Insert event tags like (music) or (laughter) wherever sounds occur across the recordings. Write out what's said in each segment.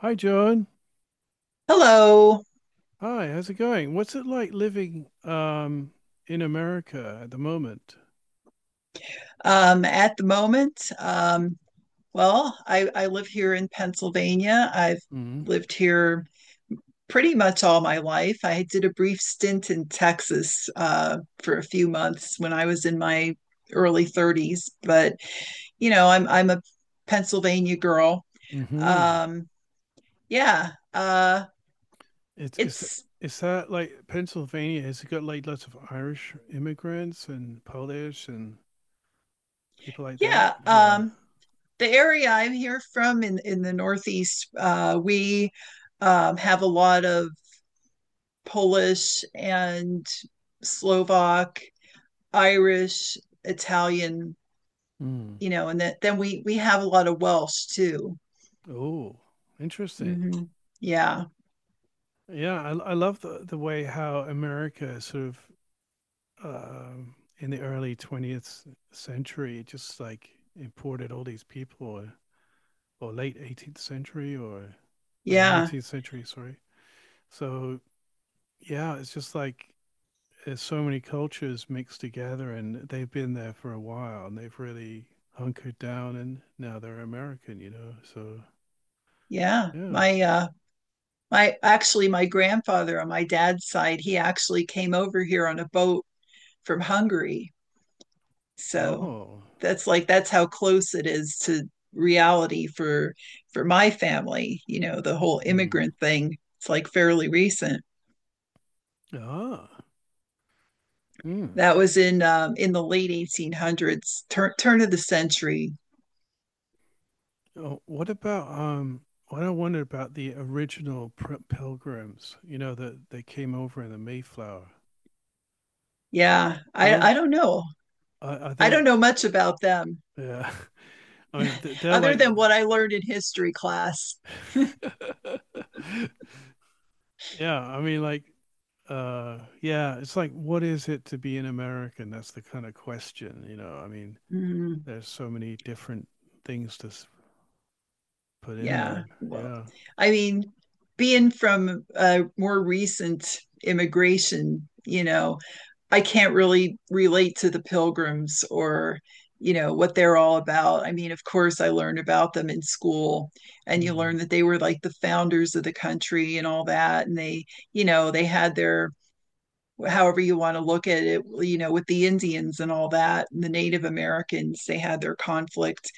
Hi, John. Hello. Hi, how's it going? What's it like living in America at the moment? At the moment, well, I live here in Pennsylvania. I've Mm-hmm. lived here pretty much all my life. I did a brief stint in Texas for a few months when I was in my early 30s, but you know, I'm a Pennsylvania girl. Mm-hmm. Um, yeah, It's it's is that like Pennsylvania? Has it got like lots of Irish immigrants and Polish and people like that? yeah. Yeah. The area I'm here from in the Northeast, we have a lot of Polish and Slovak, Irish, Italian, Mm. you know, and that, then we have a lot of Welsh too. Oh, interesting. hmm Yeah, Yeah, I love the way how America sort of in the early 20th century just like imported all these people. Or late 18th century, or I mean yeah, 19th century, sorry. So yeah, it's just like there's so many cultures mixed together and they've been there for a while and they've really hunkered down and now they're American. So yeah. yeah. My actually, my grandfather on my dad's side, he actually came over here on a boat from Hungary. So Oh. that's how close it is to reality for my family. You know, the whole Hmm. immigrant thing, it's like fairly recent. Ah. Hmm. That was in the late 1800s, turn of the century. Oh, what about what I wondered about the original pilgrims, you know, that they came over in the Mayflower. Yeah, I Those I don't know. are I don't they. know much about them Yeah. (laughs) I mean they're other like than what I learned in history class. (laughs) Yeah, I mean, like, yeah, it's like, what is it to be an American? That's the kind of question, you know. I mean, Mm, there's so many different things to put in yeah. there. Well, Yeah. I mean, being from more recent immigration, you know, I can't really relate to the pilgrims, or, you know, what they're all about. I mean, of course, I learned about them in school, and you Mm. learn that they were like the founders of the country and all that. And they, you know, they had their, however you want to look at it, you know, with the Indians and all that, and the Native Americans, they had their conflict,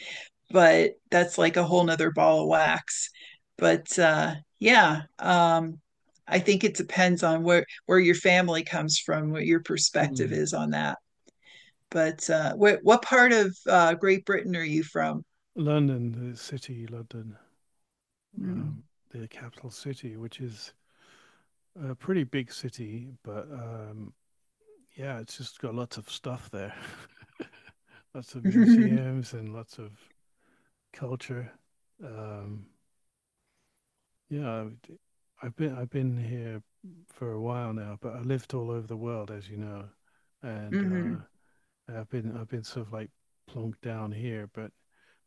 but that's like a whole nother ball of wax. But I think it depends on where your family comes from, what your perspective Mm. is on that. But what part of Great Britain are you from? London, the city, London. Mm. um, the capital city, which is a pretty big city, but yeah, it's just got lots of stuff there, (laughs) lots of (laughs) museums and lots of culture. Um, Yeah, I- have been I've been here for a while now, but I lived all over the world, as you know, and hmm I've been sort of like plunked down here. But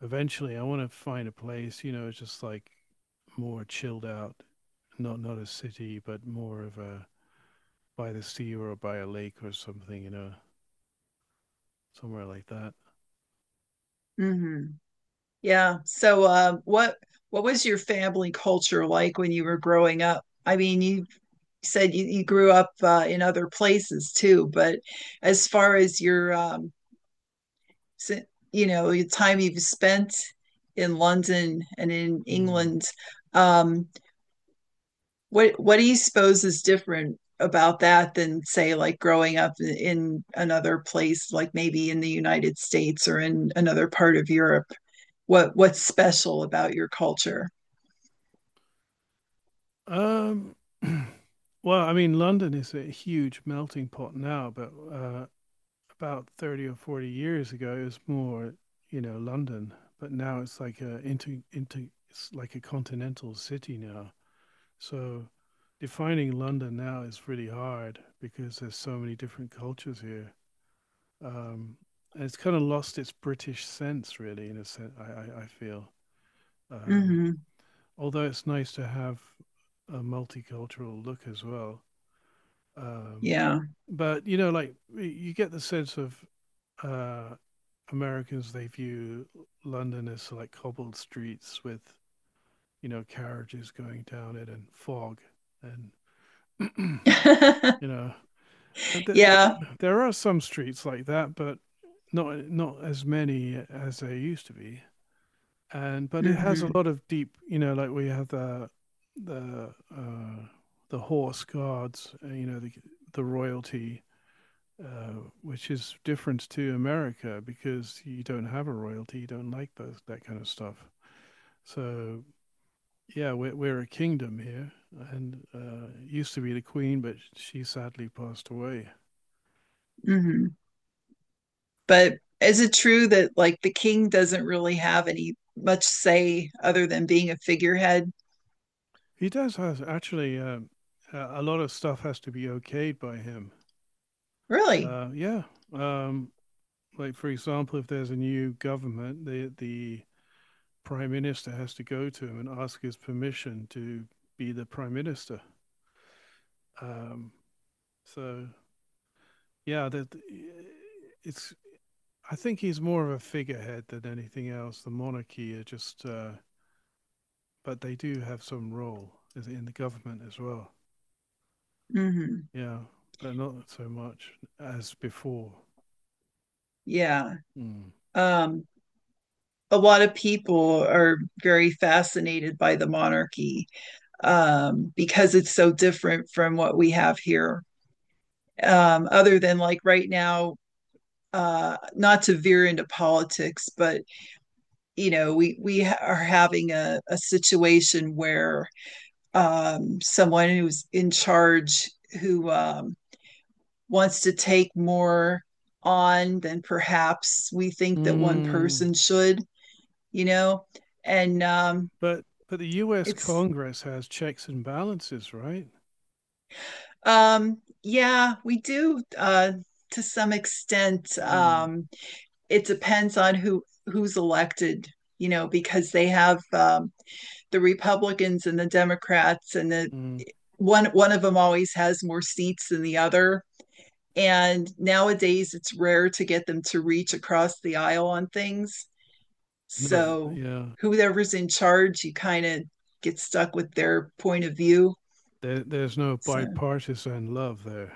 eventually, I want to find a place, you know, just like more chilled out, not a city, but more of a by the sea or by a lake or something, you know, somewhere like that. hmm Yeah. So, what was your family culture like when you were growing up? I mean, you said you grew up in other places too, but as far as your si- you know, the time you've spent in London and in Mm. England. Um, what what do you suppose is different about that than say like growing up in another place, like maybe in the United States or in another part of Europe? What's special about your culture? Um, (clears throat) well, I mean, London is a huge melting pot now, but about 30 or 40 years ago, it was more, you know, London, but now it's like a continental city now. So defining London now is really hard because there's so many different cultures here. Um, and it's kind of lost its British sense, really, in a sense, I feel. Um, Mhm. Although it's nice to have a multicultural look as well. Um, Yeah. but, you know, like you get the sense of uh, Americans they view London as like cobbled streets with you know carriages going down it and fog and (clears throat) you (laughs) know uh, th- there are, Yeah. there are some streets like that, but not as many as there used to be. And but it has a Mhm. lot of deep, you know, like we have the the horse guards, you know, the royalty, uh, which is different to America because you don't have a royalty, you don't like those that kind of stuff. So yeah, we're a kingdom here, and used to be the queen, but she sadly passed away. Mhm. But is it true that like the king doesn't really have any much say other than being a figurehead? He does has actually. A lot of stuff has to be okayed by him. Really? Yeah. um, like for example, if there's a new government, the prime minister has to go to him and ask his permission to be the prime minister. Um, so yeah, that it's. I think he's more of a figurehead than anything else. The monarchy are just but they do have some role in the government as well. Mhm. Yeah, but not so much as before. Yeah. Mm. Um a lot of people are very fascinated by the monarchy, because it's so different from what we have here. Other than like right now, not to veer into politics, but you know, we are having a situation where someone who's in charge who wants to take more on than perhaps we think that one Mm. person should, you know, and But the U.S. it's Congress has checks and balances, right? Yeah, we do, to some extent. Mm. It depends on who's elected, you know, because they have, the Republicans and the Democrats, and the Mm. one of them always has more seats than the other. And nowadays, it's rare to get them to reach across the aisle on things. No, So yeah, whoever's in charge, you kind of get stuck with their point of view. there's no So bipartisan love there.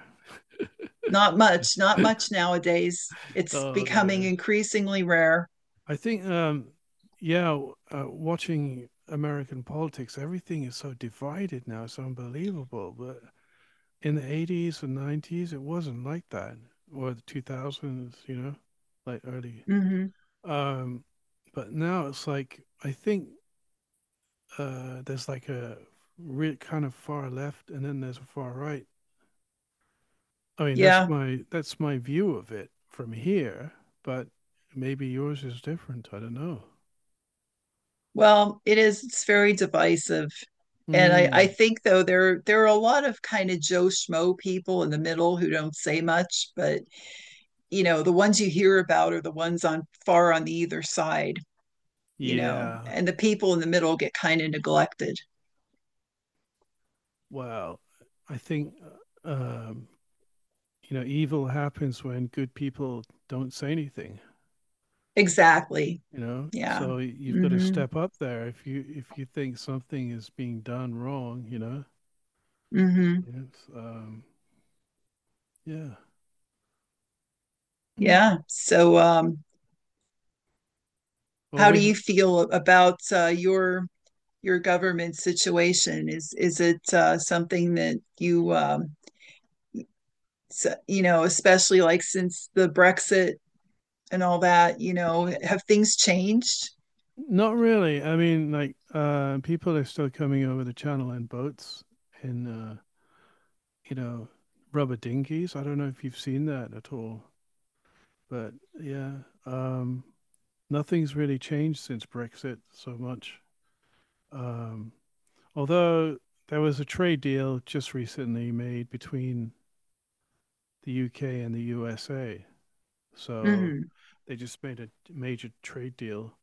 not much, not (laughs) much nowadays. It's Oh becoming dear. increasingly rare. I think, yeah, watching American politics, everything is so divided now. It's unbelievable. But in the 80s and 90s it wasn't like that, or the 2000s, you know, like early. hmm um but now it's like, I think there's like a real kind of far left and then there's a far right. I mean, that's Yeah. my that's my view of it from here, but maybe yours is different. I don't know. Well, it is. It's very divisive. And I Mm. think though there are a lot of kind of Joe Schmo people in the middle who don't say much, but you know, the ones you hear about are the ones on far on the either side. You know, Yeah. and the people in the middle get kind of neglected. Well, I think, uh, um you know, evil happens when good people don't say anything, Exactly. you know, Yeah. so you've got to hmm step up there if you think something is being done wrong, you know. hmm Yes. um yeah. Mm. Yeah. So, Well, how do we you feel about your government situation? Is it something that you you know, especially like since the Brexit and all that, you know, have things changed? not really. I mean, like, people are still coming over the channel in boats, in you know, rubber dinghies. I don't know if you've seen that at all, but yeah. um Nothing's really changed since Brexit so much. um Although there was a trade deal just recently made between the UK and the USA. So Mhm, they just made a major trade deal.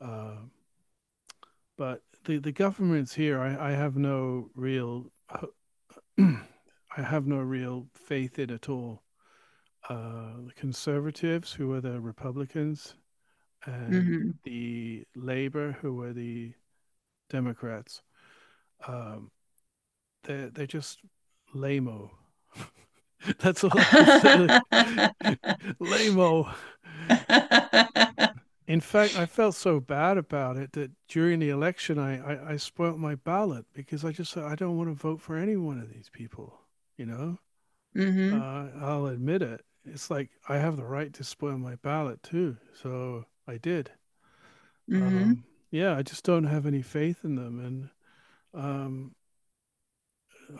Uh, but the governments here, I have no real, (clears throat) I have no real faith in at all. The conservatives, who were the Republicans, and mhm. the Labour, who were the Democrats, um, they're just lame-o. (laughs) That's all I can say. (laughs) Lame. In fact, I felt so bad about it that during the election, I spoilt my ballot because I just said, I don't want to vote for any one of these people. You know, Mhm, I'll admit it. It's like I have the right to spoil my ballot too. So I did. Um, mhm. (laughs) yeah, I just don't have any faith in them. And um,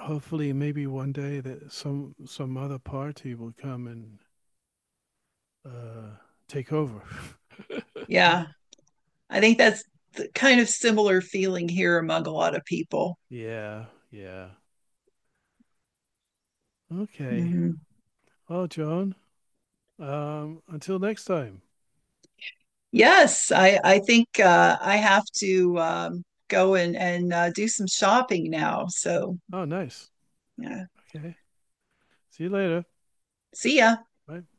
hopefully, maybe one day that some other party will come and uh, take over. Yeah, I think that's the kind of similar feeling here among a lot of people. (laughs) Yeah, yeah. Okay. Mhm. Well, John. Until next time. Yes, I think I have to go and do some shopping now. So Oh, nice. yeah, Okay. See you later. see ya. Bye.